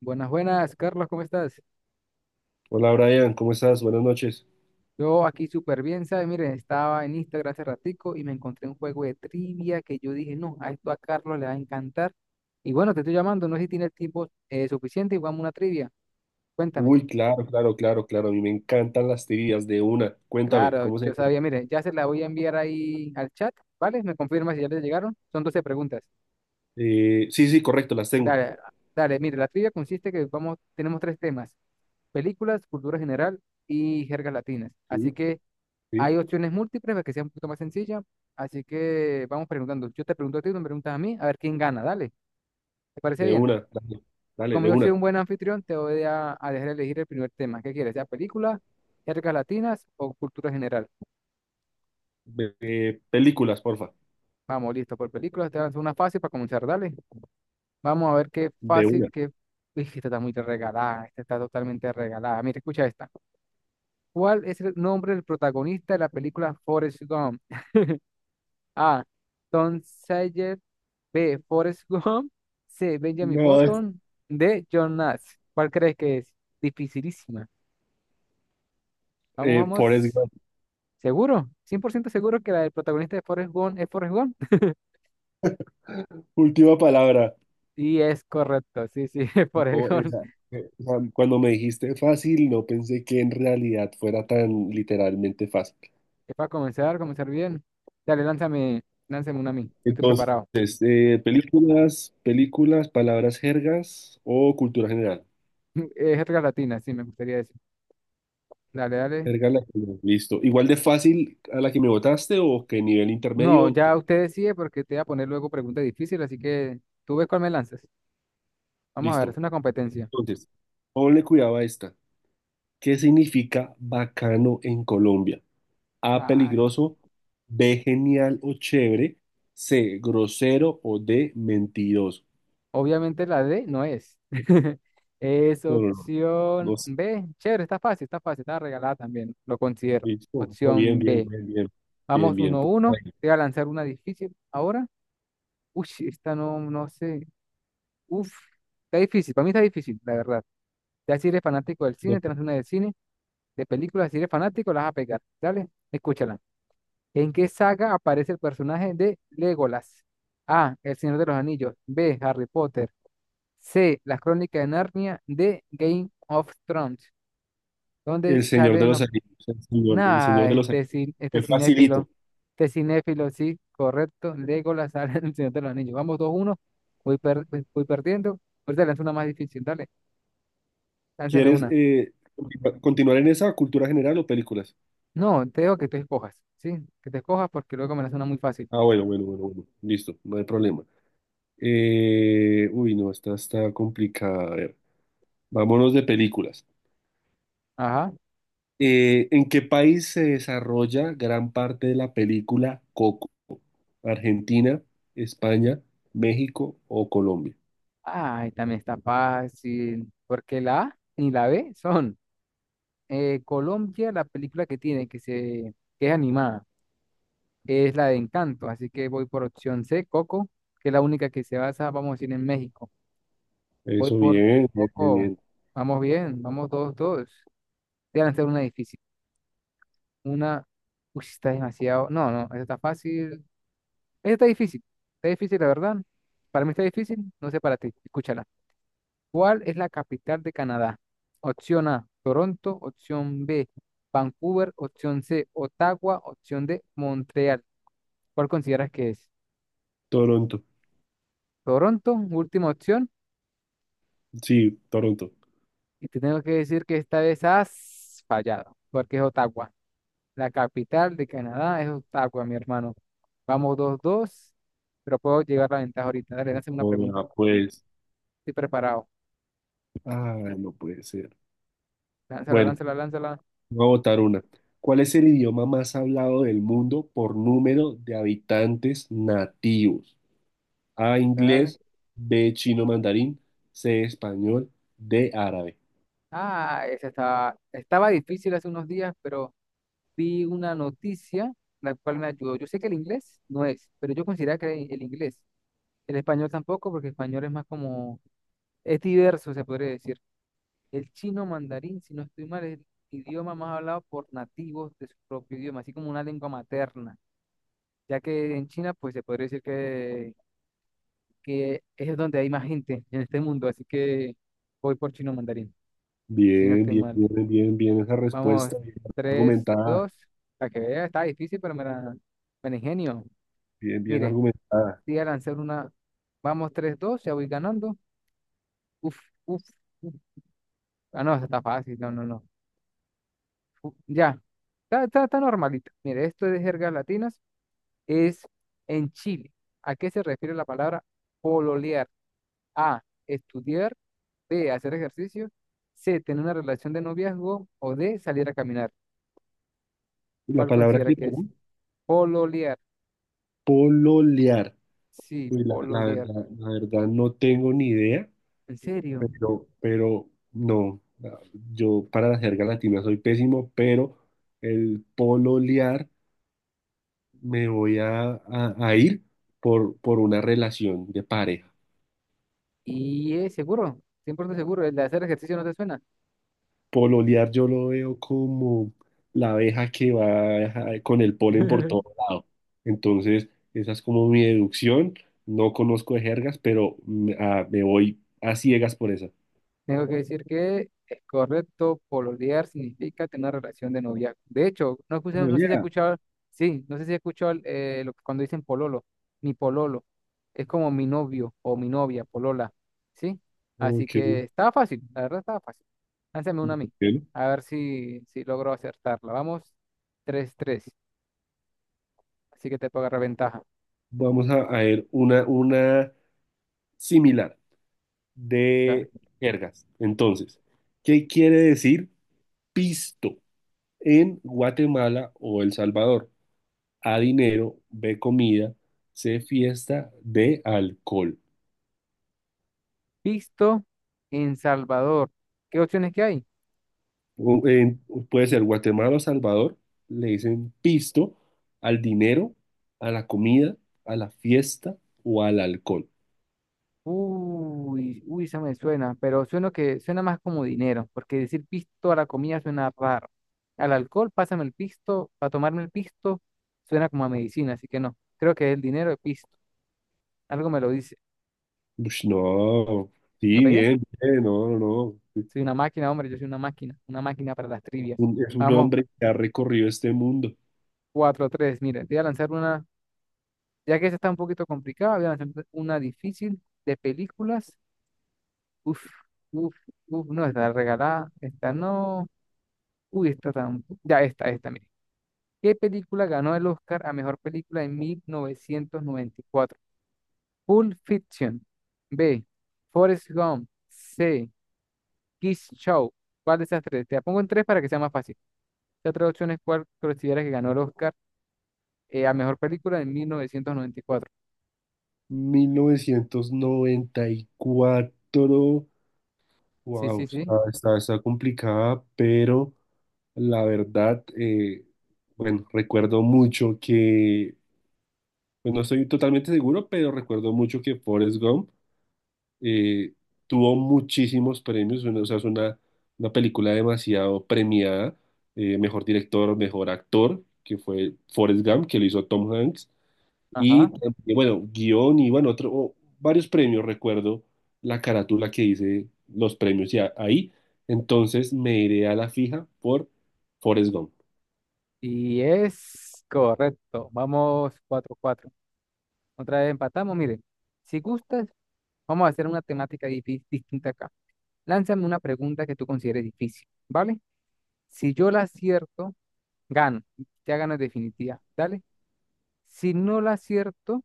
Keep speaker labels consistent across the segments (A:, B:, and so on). A: Buenas, buenas, Carlos, ¿cómo estás?
B: Hola Brian, ¿cómo estás? Buenas noches.
A: Yo aquí súper bien, ¿sabes? Miren, estaba en Instagram hace ratico y me encontré un juego de trivia que yo dije, no, a esto a Carlos le va a encantar. Y bueno, te estoy llamando, no sé si tienes tiempo suficiente y jugamos una trivia. Cuéntame.
B: Uy, claro, claro, claro, claro. A mí me encantan las tirillas de una. Cuéntame,
A: Claro,
B: ¿cómo se
A: yo sabía,
B: llama?
A: mire, ya se la voy a enviar ahí al chat, ¿vale? Me confirma si ya le llegaron. Son 12 preguntas.
B: Sí, sí, correcto, las tengo.
A: Dale, dale, mire, la trivia consiste que vamos, tenemos tres temas, películas, cultura general y jergas latinas. Así
B: Sí,
A: que
B: sí,
A: hay opciones múltiples para que sea un poquito más sencilla. Así que vamos preguntando. Yo te pregunto a ti, tú me preguntas a mí, a ver quién gana. Dale, ¿te parece
B: de
A: bien?
B: una. Dale, dale,
A: Como
B: de
A: yo soy
B: una.
A: un buen anfitrión, te voy a dejar elegir el primer tema. ¿Qué quieres? ¿Ya películas, jergas latinas o cultura general?
B: Películas, porfa.
A: Vamos, listo, por películas. Te lanzo una fácil para comenzar. Dale. Vamos a ver qué
B: De
A: fácil,
B: una.
A: qué... Uy, esta está muy regalada. Esta está totalmente regalada. Mira, escucha esta. ¿Cuál es el nombre del protagonista de la película Forrest Gump? A. Tom Sawyer. B. Forrest Gump. C. Benjamin
B: No, es
A: Button. D. John Nash. ¿Cuál crees que es? Dificilísima. Vamos, vamos.
B: Forrest Gump.
A: ¿Seguro? Cien por ciento seguro que la del protagonista de Forrest Gump es Forrest Gump.
B: Última palabra.
A: Y es correcto. Sí, sí, es Forrest
B: No,
A: Gump.
B: esa, o sea, cuando me dijiste fácil, no pensé que en realidad fuera tan literalmente fácil.
A: Es para comenzar, comenzar bien. Dale, lánzame, lánzame una a mí. Yo estoy
B: Entonces,
A: preparado.
B: películas, palabras jergas o cultura general.
A: Es jerga latina, sí, me gustaría decir. Dale, dale.
B: Erga la que no, listo. Igual de fácil a la que me votaste o que nivel
A: No,
B: intermedio.
A: ya usted decide porque te voy a poner luego preguntas difíciles, así que tú ves cuál me lanzas. Vamos a ver, es
B: Listo.
A: una competencia.
B: Entonces, ponle cuidado a esta. ¿Qué significa bacano en Colombia? A,
A: Ay,
B: peligroso, B, genial o chévere, C, grosero o D, mentiroso.
A: obviamente la D no es. Es
B: No, no, no. No
A: opción
B: sé.
A: B. Chévere, está fácil, está fácil, está regalada también, lo considero.
B: Listo. No, bien,
A: Opción
B: bien,
A: B.
B: bien, bien. Bien,
A: Vamos
B: bien.
A: 1 uno. Te voy a lanzar una difícil ahora. Uy, esta no, no sé. Uf, está difícil, para mí está difícil, la verdad. Ya si eres fanático del cine,
B: Bueno,
A: te lanzo una de cine, de películas, si eres fanático, las vas a pegar. Dale, escúchala. ¿En qué saga aparece el personaje de Legolas? A. El Señor de los Anillos. B. Harry Potter. C. Las crónicas de Narnia. D. Game of Thrones. Donde
B: El Señor de
A: salen
B: los
A: los...
B: Anillos. El Señor
A: Nada,
B: de los
A: este,
B: Anillos.
A: este
B: Es facilito.
A: cinéfilo. Este cinéfilo, sí, correcto. Legolas sale en el Señor de los Anillos. Vamos 2-1. Voy perdiendo. Ahorita lanzo una más difícil. Dale, lánzame
B: ¿Quieres
A: una.
B: continuar en esa cultura general o películas?
A: No, te digo que te escojas, ¿sí? Que te escojas porque luego me la suena muy fácil.
B: Ah, bueno, bueno, bueno, bueno. Listo, no hay problema. Uy, no, esta está complicada. A ver, vámonos de películas.
A: Ajá.
B: ¿En qué país se desarrolla gran parte de la película Coco? ¿Argentina, España, México o Colombia?
A: Ay, también está fácil. Porque la A ni la B son Colombia, la película que tiene, que se que es animada. Es la de Encanto, así que voy por opción C, Coco, que es la única que se basa, vamos a decir, en México. Voy
B: Eso
A: por
B: bien, bien, bien,
A: Coco,
B: bien.
A: vamos bien, vamos todos, todos. Te van a hacer una difícil, una, uy, está demasiado, no, no, esta está fácil, esta está difícil, la verdad. Para mí está difícil, no sé para ti, escúchala. ¿Cuál es la capital de Canadá? Opción A, Toronto, opción B, Vancouver, opción C, Ottawa, opción D, Montreal. ¿Cuál consideras que es?
B: Toronto.
A: Toronto, última opción.
B: Sí, Toronto.
A: Y te tengo que decir que esta vez has fallado, porque es Ottawa. La capital de Canadá es Ottawa, mi hermano. Vamos 2-2, pero puedo llevar la ventaja ahorita. Dale, lánzame una pregunta.
B: Hola, pues.
A: Estoy preparado.
B: Ah, no puede ser.
A: Lánzala,
B: Bueno,
A: lánzala, lánzala.
B: voy a votar una. ¿Cuál es el idioma más hablado del mundo por número de habitantes nativos? A,
A: Dale.
B: inglés, B, chino mandarín, C, español, D, árabe.
A: Ah, esa estaba difícil hace unos días, pero vi una noticia la cual me ayudó. Yo sé que el inglés no es, pero yo considero que el inglés. El español tampoco, porque el español es más como, es diverso, se podría decir. El chino mandarín, si no estoy mal, es el idioma más hablado por nativos de su propio idioma, así como una lengua materna, ya que en China, pues se podría decir que, es donde hay más gente en este mundo, así que voy por chino mandarín, si no
B: Bien,
A: estoy
B: bien,
A: mal.
B: bien, bien, bien esa
A: Vamos,
B: respuesta, bien
A: tres
B: argumentada,
A: dos para que vea, está difícil, pero me la ingenio.
B: bien, bien
A: Mire,
B: argumentada.
A: voy a lanzar una, vamos, 3-2, ya voy ganando. Uf, uf, uf. Ah, no, esa está fácil, no, no, no. Ya, está normalito. Mire, esto es de jergas latinas, es en Chile. ¿A qué se refiere la palabra pololear? A, estudiar, B, hacer ejercicio, C, tener una relación de noviazgo o D, salir a caminar.
B: La
A: ¿Cuál
B: palabra
A: considera
B: que,
A: que es?
B: perdón,
A: Pololear.
B: pololear.
A: Sí,
B: Uy, la, la
A: pololear.
B: verdad, la verdad no tengo ni idea,
A: ¿En serio?
B: pero no, yo para la jerga latina soy pésimo, pero el pololear me voy a ir por una relación de pareja.
A: ¿Y es seguro? 100% seguro. ¿El de hacer ejercicio no te suena?
B: Pololear yo lo veo como la abeja que va con el polen por todo lado. Entonces, esa es como mi deducción. No conozco de jergas, pero me voy a ciegas por esa.
A: Tengo que decir que es correcto, pololear significa tener una relación de noviazgo. De hecho, no,
B: Ah,
A: no sé si he
B: ya.
A: escuchado, sí, no sé si he escuchado lo que cuando dicen pololo, mi pololo, es como mi novio o mi novia, polola, ¿sí? Así
B: Ok,
A: que estaba fácil, la verdad estaba fácil. Lánzame una a mí,
B: ok.
A: a ver si logro acertarla. Vamos, 3-3, así que te puedo agarrar ventaja.
B: Vamos a ver una similar
A: ¿Ya?
B: de jergas. Entonces, ¿qué quiere decir pisto en Guatemala o El Salvador? A, dinero, B, comida, C, fiesta, D, alcohol.
A: Visto en Salvador, ¿qué opciones que hay?
B: U- en- puede ser Guatemala o Salvador, le dicen pisto al dinero, a la comida, a la fiesta o al alcohol.
A: Uy, uy, se me suena, pero suena que suena más como dinero, porque decir pisto a la comida suena raro. Al alcohol, pásame el pisto, para tomarme el pisto, suena como a medicina, así que no. Creo que es el dinero de pisto. Algo me lo dice.
B: Ush, no,
A: ¿La
B: sí,
A: pegué?
B: bien, bien, no, no, no.
A: Soy una máquina, hombre, yo soy una máquina para las trivias.
B: Es un
A: Vamos,
B: hombre que ha recorrido este mundo.
A: 4-3. Mire, voy a lanzar una, ya que esta está un poquito complicada, voy a lanzar una difícil de películas. Uf, uf, uf, no, está regalada, esta no. Uy, esta tan. Ya, esta, mira. ¿Qué película ganó el Oscar a mejor película en 1994? Pulp Fiction. B. Forrest Gump. C. Kiss Show. ¿Cuál de esas tres? Te la pongo en tres para que sea más fácil. Estas tres opciones, ¿cuál consideras que ganó el Oscar a mejor película en 1994?
B: 1994.
A: Sí,
B: Wow,
A: sí, sí.
B: está complicada, pero la verdad, bueno, recuerdo mucho que, pues no estoy totalmente seguro, pero recuerdo mucho que Forrest Gump eh, tuvo muchísimos premios, bueno, o sea, es una película demasiado premiada, mejor director, mejor actor, que fue Forrest Gump, que lo hizo Tom Hanks.
A: Ajá.
B: Y, y bueno, guión y bueno, otro, o varios premios, recuerdo la carátula que dice los premios y ahí. Entonces me iré a la fija por Forrest Gump.
A: Y es correcto. Vamos 4-4. Otra vez empatamos. Mire, si gustas, vamos a hacer una temática distinta acá. Lánzame una pregunta que tú consideres difícil, ¿vale? Si yo la acierto, gano. Ya gano en definitiva. Dale. Si no la acierto,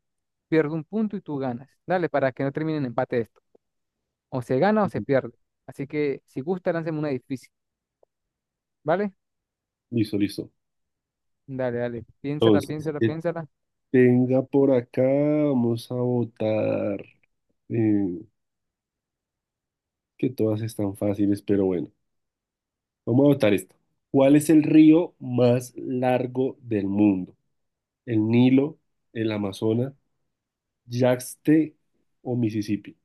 A: pierdo un punto y tú ganas. Dale, para que no termine en empate esto. O se gana o se pierde. Así que si gusta, lánceme una difícil. ¿Vale?
B: Listo, listo.
A: Dale, dale. Piénsala,
B: Entonces,
A: piénsala,
B: que
A: piénsala.
B: tenga por acá, vamos a votar. eh, que todas están fáciles, pero bueno, vamos a votar esta. ¿Cuál es el río más largo del mundo? ¿El Nilo, el Amazonas, Yangtze o Mississippi?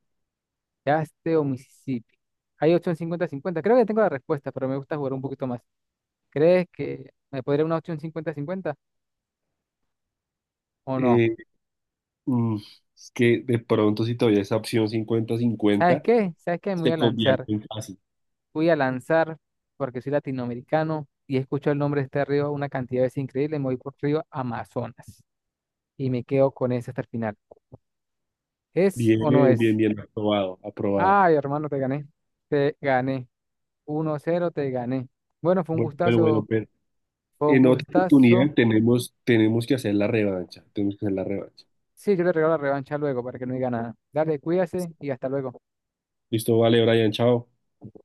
A: Yaste o Mississippi. Hay opción 50-50. Creo que tengo la respuesta, pero me gusta jugar un poquito más. ¿Crees que me podría una opción 50-50 o no?
B: Eh, Mm, es que de pronto si todavía esa opción cincuenta
A: ¿Sabes
B: cincuenta
A: qué? ¿Sabes qué? Me voy
B: se
A: a
B: convierte
A: lanzar.
B: en fácil.
A: Voy a lanzar, porque soy latinoamericano y escucho el nombre de este río una cantidad de veces increíble, me voy por río Amazonas y me quedo con ese hasta el final. ¿Es o no
B: Bien, bien,
A: es?
B: bien, aprobado, aprobado.
A: Ay, hermano, te gané. Te gané. 1-0, te gané. Bueno, fue un
B: Bueno,
A: gustazo,
B: pero
A: fue un
B: en otra
A: gustazo.
B: oportunidad tenemos que hacer la revancha, tenemos que hacer la revancha.
A: Sí, yo le regalo la revancha luego para que no diga nada. Dale, cuídase y hasta luego.
B: Listo, vale, Brian, chao.